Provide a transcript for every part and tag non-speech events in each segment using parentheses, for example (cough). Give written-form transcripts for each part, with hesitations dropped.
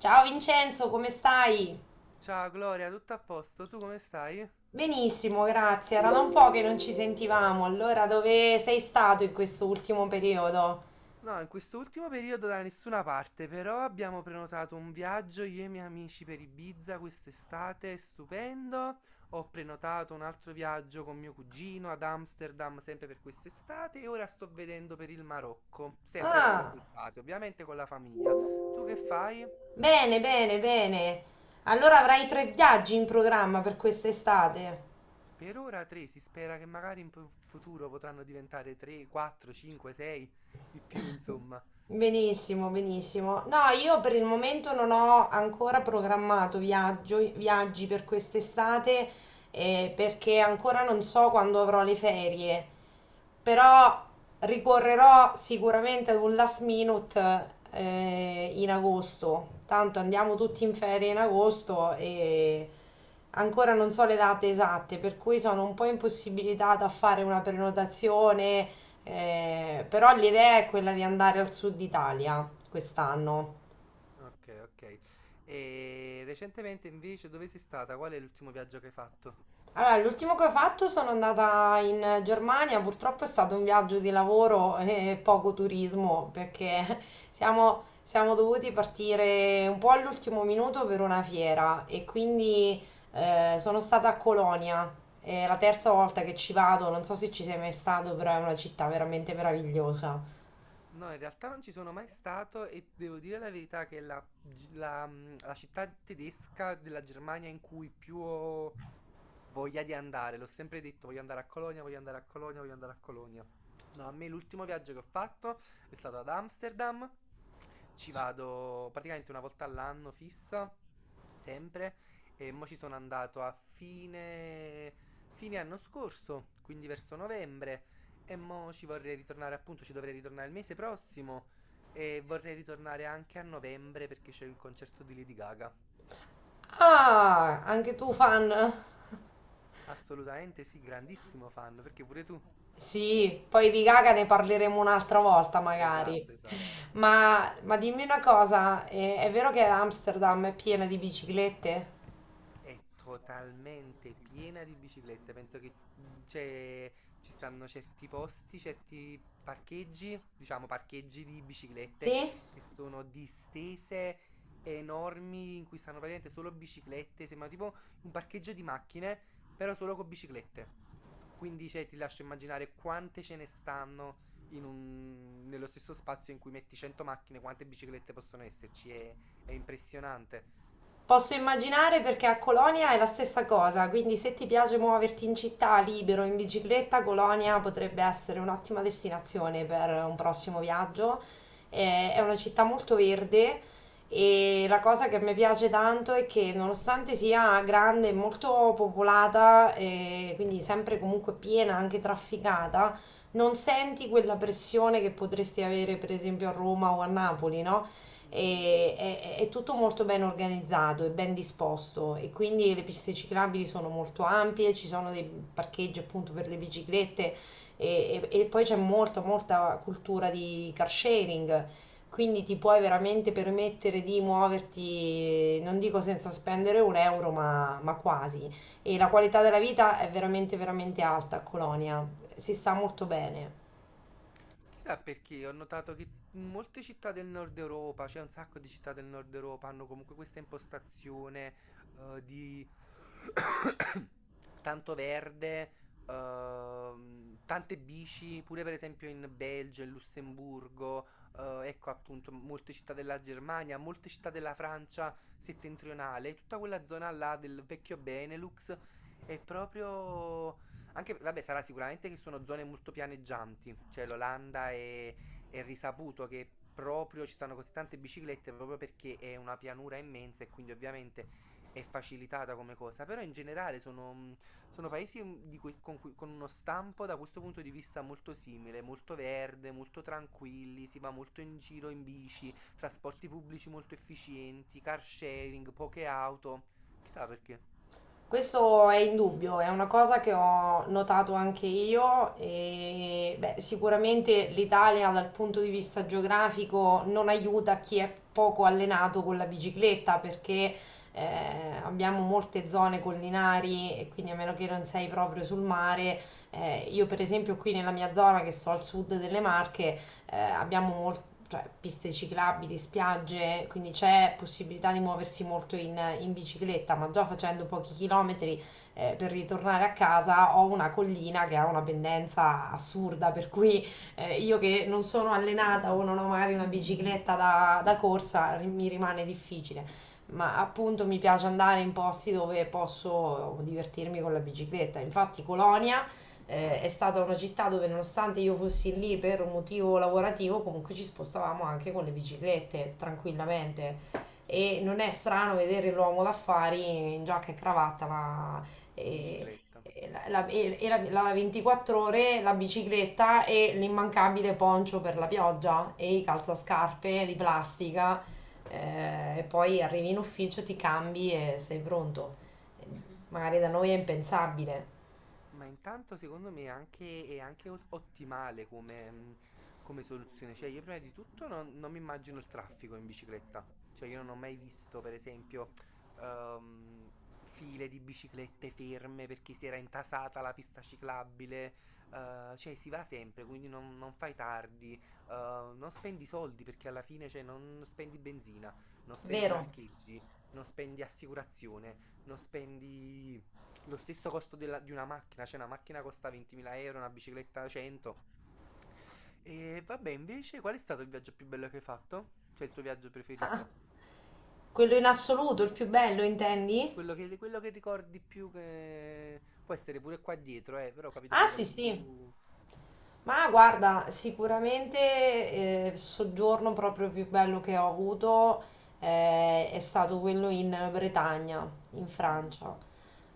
Ciao Vincenzo, come stai? Ciao Gloria, tutto a posto? Tu come stai? Benissimo, grazie. Era da un po' che non ci sentivamo. Allora, dove sei stato in questo ultimo periodo? No, in quest'ultimo periodo da nessuna parte, però abbiamo prenotato un viaggio io e i miei amici per Ibiza quest'estate, stupendo. Ho prenotato un altro viaggio con mio cugino ad Amsterdam, sempre per quest'estate, e ora sto vedendo per il Marocco, sempre per Ah, quest'estate, ovviamente con la famiglia. Tu che fai? bene, bene, bene. Allora avrai tre viaggi in programma per quest'estate. Per ora tre, si spera che magari in futuro potranno diventare tre, quattro, cinque, sei, di più, insomma. Benissimo, benissimo. No, io per il momento non ho ancora programmato viaggi per quest'estate, perché ancora non so quando avrò le ferie. Però ricorrerò sicuramente ad un last minute in agosto. Tanto andiamo tutti in ferie in agosto e ancora non so le date esatte, per cui sono un po' impossibilitata a fare una prenotazione. Però l'idea è quella di andare al sud Italia quest'anno. Okay, okay. E recentemente invece dove sei stata? Qual è l'ultimo viaggio che hai fatto? Allora, l'ultimo che ho fatto sono andata in Germania, purtroppo è stato un viaggio di lavoro (laughs) e poco turismo perché (laughs) siamo dovuti partire un po' all'ultimo minuto per una fiera e quindi sono stata a Colonia. È la terza Okay. volta che ci vado, non so se ci sei mai stato, però è una città veramente meravigliosa. No, in realtà non ci sono mai stato e devo dire la verità che la, gi- la, mm, la città tedesca della Germania in cui più ho voglia di andare, l'ho sempre detto, voglio andare a Colonia, voglio andare a Colonia, voglio andare a Colonia. No, a me l'ultimo viaggio che ho fatto è stato ad Amsterdam, ci vado praticamente una volta all'anno fissa, sempre, e mo ci sono andato a fine anno scorso, quindi verso novembre. E mo ci vorrei ritornare, appunto, ci dovrei ritornare il mese prossimo e vorrei ritornare anche a novembre perché c'è il concerto di Lady Gaga. Ah, anche tu fan? (laughs) Assolutamente sì, grandissimo fan, perché pure tu. Sì, poi di Gaga ne parleremo un'altra volta magari. Esatto, esatto. Ma dimmi una cosa, è vero che Amsterdam è piena di biciclette? È totalmente piena di biciclette. Penso che mm, c'è- ci stanno certi posti, certi parcheggi, diciamo parcheggi di biciclette Sì? che sono distese enormi in cui stanno praticamente solo biciclette. Sembra tipo un parcheggio di macchine, però solo con biciclette. Quindi cioè, ti lascio immaginare quante ce ne stanno nello stesso spazio in cui metti 100 macchine, quante biciclette possono esserci. È impressionante. Posso immaginare perché a Colonia è la stessa cosa, quindi se ti piace muoverti in città libero in bicicletta, Colonia potrebbe essere un'ottima destinazione per un prossimo viaggio. È una città molto verde, e la cosa che mi piace tanto è che nonostante sia grande e molto popolata quindi sempre comunque piena, anche trafficata, non senti quella pressione che potresti avere per esempio a Roma o a Napoli, no? Mm, mm, mm. È tutto molto ben organizzato e ben disposto, e quindi le piste ciclabili sono molto ampie, ci sono dei parcheggi appunto per le biciclette e poi c'è molta molta cultura di car sharing. Quindi ti puoi veramente permettere di muoverti, non dico senza spendere un euro, ma quasi. E la qualità della vita è veramente, veramente alta a Colonia. Si sta molto bene. Chissà perché ho notato che in molte città del nord Europa, cioè un sacco di città del nord Europa, hanno comunque questa impostazione di (coughs) tanto verde, tante bici, pure per esempio in Belgio, in Lussemburgo, ecco appunto molte città della Germania, molte città della Francia settentrionale, tutta quella zona là del vecchio Benelux è proprio anche, vabbè, sarà sicuramente che sono zone molto pianeggianti, cioè l'Olanda è risaputo che proprio ci stanno così tante biciclette proprio perché è una pianura immensa e quindi ovviamente è facilitata come cosa, però in generale sono paesi di cui- con uno stampo da questo punto di vista molto simile, molto verde, molto tranquilli, si va molto in giro in bici, trasporti pubblici molto efficienti, car sharing, poche auto, chissà perché Questo è indubbio, è una cosa che ho notato anche io, e beh, sicuramente l'Italia dal punto di vista geografico non aiuta chi è poco allenato con la bicicletta perché eh, abbiamo molte zone collinari, e quindi a meno che non sei proprio sul mare, io per esempio qui nella mia zona che sto al sud delle Marche abbiamo molti, cioè piste ciclabili, spiagge, quindi c'è possibilità di muoversi molto in bicicletta, ma già facendo pochi chilometri per ritornare a casa ho una collina che ha una pendenza assurda, per cui io che non sono allenata o non ho magari una bicicletta da corsa mi rimane difficile. Ma appunto mi piace andare in posti dove posso divertirmi con la bicicletta. Infatti Colonia è stata una città dove nonostante io fossi lì per un motivo lavorativo, comunque ci spostavamo anche con le biciclette tranquillamente. E non è strano vedere l'uomo d'affari in giacca e cravatta, in eh, bicicletta. e la 24 ore, la bicicletta e l'immancabile poncio per la pioggia e i calzascarpe di plastica. E poi arrivi in ufficio, ti cambi e sei pronto. Magari da noi è impensabile. Ma intanto secondo me è anche ottimale come soluzione. Cioè, io prima di tutto non mi immagino il traffico in bicicletta. Cioè, io non ho mai visto, per esempio, ehm, file di biciclette ferme perché si era intasata la pista ciclabile. Cioè, si va sempre, quindi non fai tardi. Non spendi soldi perché alla fine, cioè, non spendi benzina, non spendi Vero? parcheggi, non spendi assicurazione, non spendi lo stesso costo della- di una macchina, cioè una macchina costa 20.000 euro, una bicicletta 100. E vabbè, invece, qual è stato il viaggio più bello che hai fatto? Cioè il tuo viaggio preferito? Quello in assoluto, il più bello, intendi? Quello che ricordi più che... Può essere pure qua dietro, però ho capito Ah, quello sì, che sì. più... Ma guarda, sicuramente il soggiorno proprio più bello che ho avuto è stato quello in Bretagna, in Mm, Francia.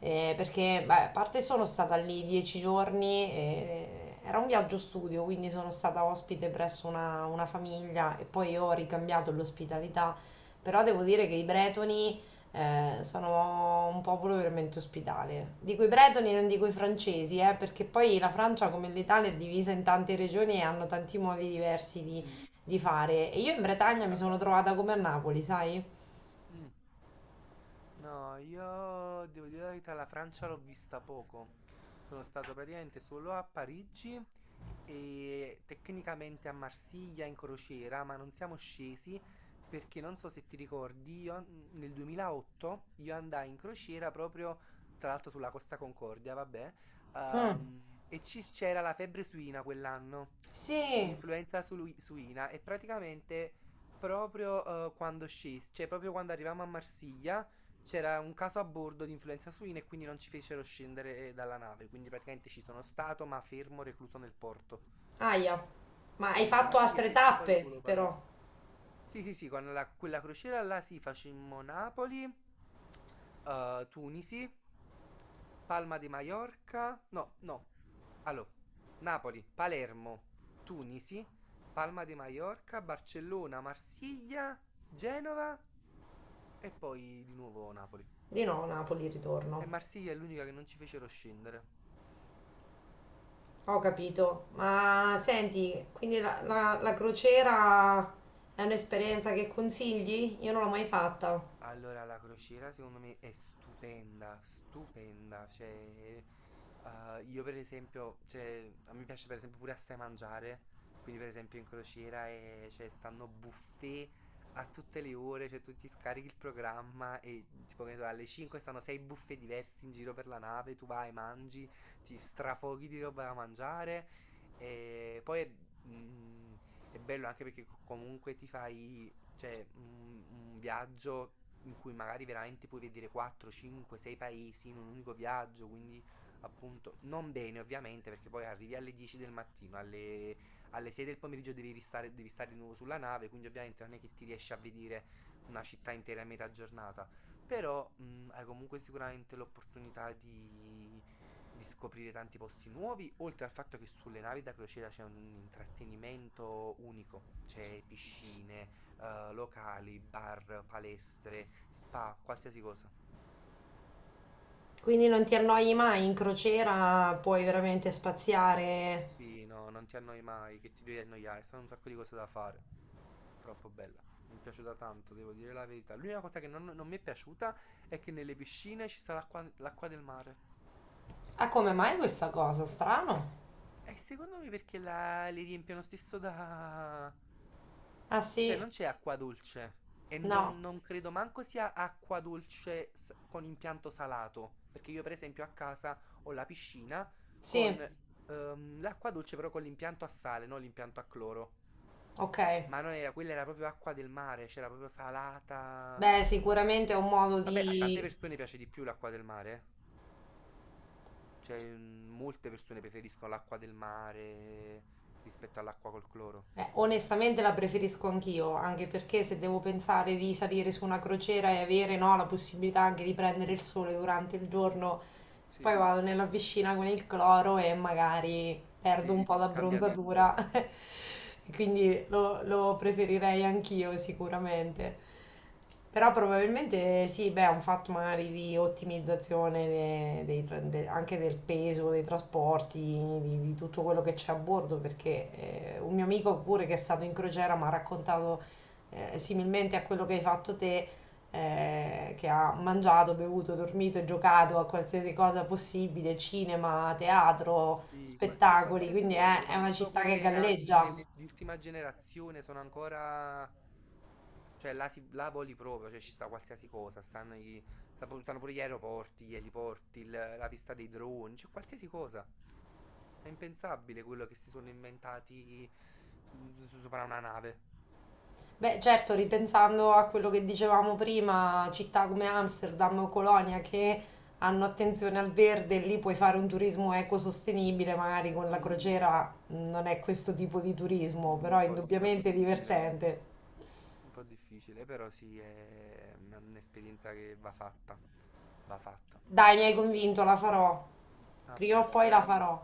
Perché, beh, a parte sono stata lì 10 giorni, era un viaggio studio, quindi sono stata ospite presso una famiglia e poi ho ricambiato l'ospitalità. Però devo dire che i bretoni sono un popolo veramente ospitale. Dico i bretoni, non dico i francesi, perché poi la Francia, come l'Italia, è divisa in tante regioni e hanno tanti modi diversi di, mm, di fare. E io in che Bretagna mi pensavi. sono trovata come a Napoli, sai? Mm. No, io devo dire la verità, la Francia l'ho vista poco. Sono stato praticamente solo a Parigi e tecnicamente a Marsiglia in crociera, ma non siamo scesi perché non so se ti ricordi, io nel 2008 io andai in crociera proprio tra l'altro sulla Costa Concordia, vabbè, Mm. E c'era la febbre suina quell'anno, Sì, l'influenza suina e praticamente proprio, quando scesi, cioè proprio quando arrivammo a Marsiglia c'era un caso a bordo di influenza suina e quindi non ci fecero scendere dalla nave, quindi praticamente ci sono stato ma fermo recluso nel porto. aia. Ma hai A fatto Marsiglia e altre poi tappe, solo... però. sì, sì, sì, quella crociera là sì, facemmo Napoli, Tunisi, Palma di Mallorca, no, no, allora, Napoli, Palermo, Tunisi, Palma di Mallorca, Barcellona, Marsiglia, Genova e poi di nuovo Napoli. Di no, Napoli E ritorno. Marsiglia è l'unica che non ci fecero scendere. Ho capito. Ma senti, quindi la crociera è un'esperienza che consigli? Io non l'ho mai fatta. Allora, la crociera secondo me è stupenda, stupenda, cioè, io per esempio, cioè, a me piace per esempio pure assai mangiare, quindi per esempio in crociera cioè, stanno buffet a tutte le ore, cioè tu ti scarichi il programma e tipo che ne so, alle 5 stanno 6 buffet diversi in giro per la nave, tu vai, mangi, ti strafoghi di roba da mangiare e poi mm, è bello anche perché comunque ti fai, cioè, un viaggio in cui magari veramente puoi vedere 4, 5, 6 paesi in un unico viaggio, quindi appunto non bene ovviamente perché poi arrivi alle 10 del mattino, alle 6 del pomeriggio devi stare di nuovo sulla nave, quindi ovviamente non è che ti riesci a vedere una città intera in metà giornata, però hai comunque sicuramente l'opportunità di scoprire tanti posti nuovi, oltre al fatto che sulle navi da crociera c'è un intrattenimento unico, c'è piscine, locali, bar, palestre, spa, qualsiasi cosa. Quindi non ti annoi mai in crociera, puoi veramente spaziare. Sì, no, non ti annoi mai, che ti devi annoiare, stanno un sacco di cose da fare. Troppo bella. Mi è piaciuta tanto, devo dire la verità. L'unica cosa che non mi è piaciuta è che nelle piscine ci sta l'acqua, l'acqua del mare. Ah, come mai questa cosa? Strano. E secondo me perché la... li riempiono stesso da... Ah Cioè sì, non c'è acqua dolce e no, non credo manco sia acqua dolce con impianto salato, perché io per esempio a casa ho la piscina sì, con l'acqua dolce però con l'impianto a sale, non l'impianto a cloro. ok. Ma non era, quella era proprio acqua del mare, c'era proprio salata. Beh, sicuramente è un modo Vabbè, a tante di... persone piace di più l'acqua del mare. Eh. Cioè, molte persone preferiscono l'acqua del mare rispetto all'acqua col cloro. Onestamente la preferisco anch'io, anche perché Mm, se devo pensare di salire su una crociera e avere, no, la possibilità anche di prendere il sole durante il giorno. sì, Poi vado nella piscina con il cloro e magari perdo un sì, po' cambia d'abbronzatura. tutto. (laughs) E quindi lo preferirei anch'io sicuramente. Però probabilmente sì, beh, è un fatto magari di ottimizzazione anche del peso, dei trasporti, di tutto quello che c'è a bordo, perché un mio amico pure che è stato in crociera mi ha raccontato, similmente a quello che hai fatto te, che ha mangiato, bevuto, dormito e giocato a qualsiasi cosa possibile, cinema, teatro, Sì, c'è spettacoli, qualsiasi quindi cosa, è una soprattutto città che quelle navi le galleggia. Di ultima generazione sono ancora... Cioè, là, si, là voli proprio, cioè ci sta qualsiasi cosa, stanno, i- sta pu- stanno pure gli aeroporti, gli eliporti, la pista dei droni, c'è qualsiasi cosa. È impensabile quello che si sono inventati sopra una nave. Beh, certo, ripensando a quello che dicevamo prima, città come Amsterdam o Colonia che hanno attenzione al verde, lì puoi fare un turismo ecosostenibile, magari con la Mm. crociera non è questo tipo di turismo, Un però è po', un po' indubbiamente difficile, divertente. un po' difficile, però sì, è una- un'esperienza che va fatta. Va fatta. Dai, mi hai convinto, la farò. A Prima o posto, poi la eh. farò.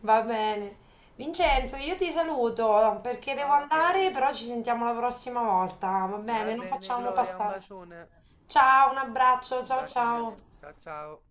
Va bene. Vincenzo, io ti saluto perché devo Ok, andare, però ci sentiamo la prossima volta, va va bene? Non bene, facciamo Gloria, un passare. bacione. Ciao, un abbraccio, Un ciao bacione. ciao. Ciao ciao.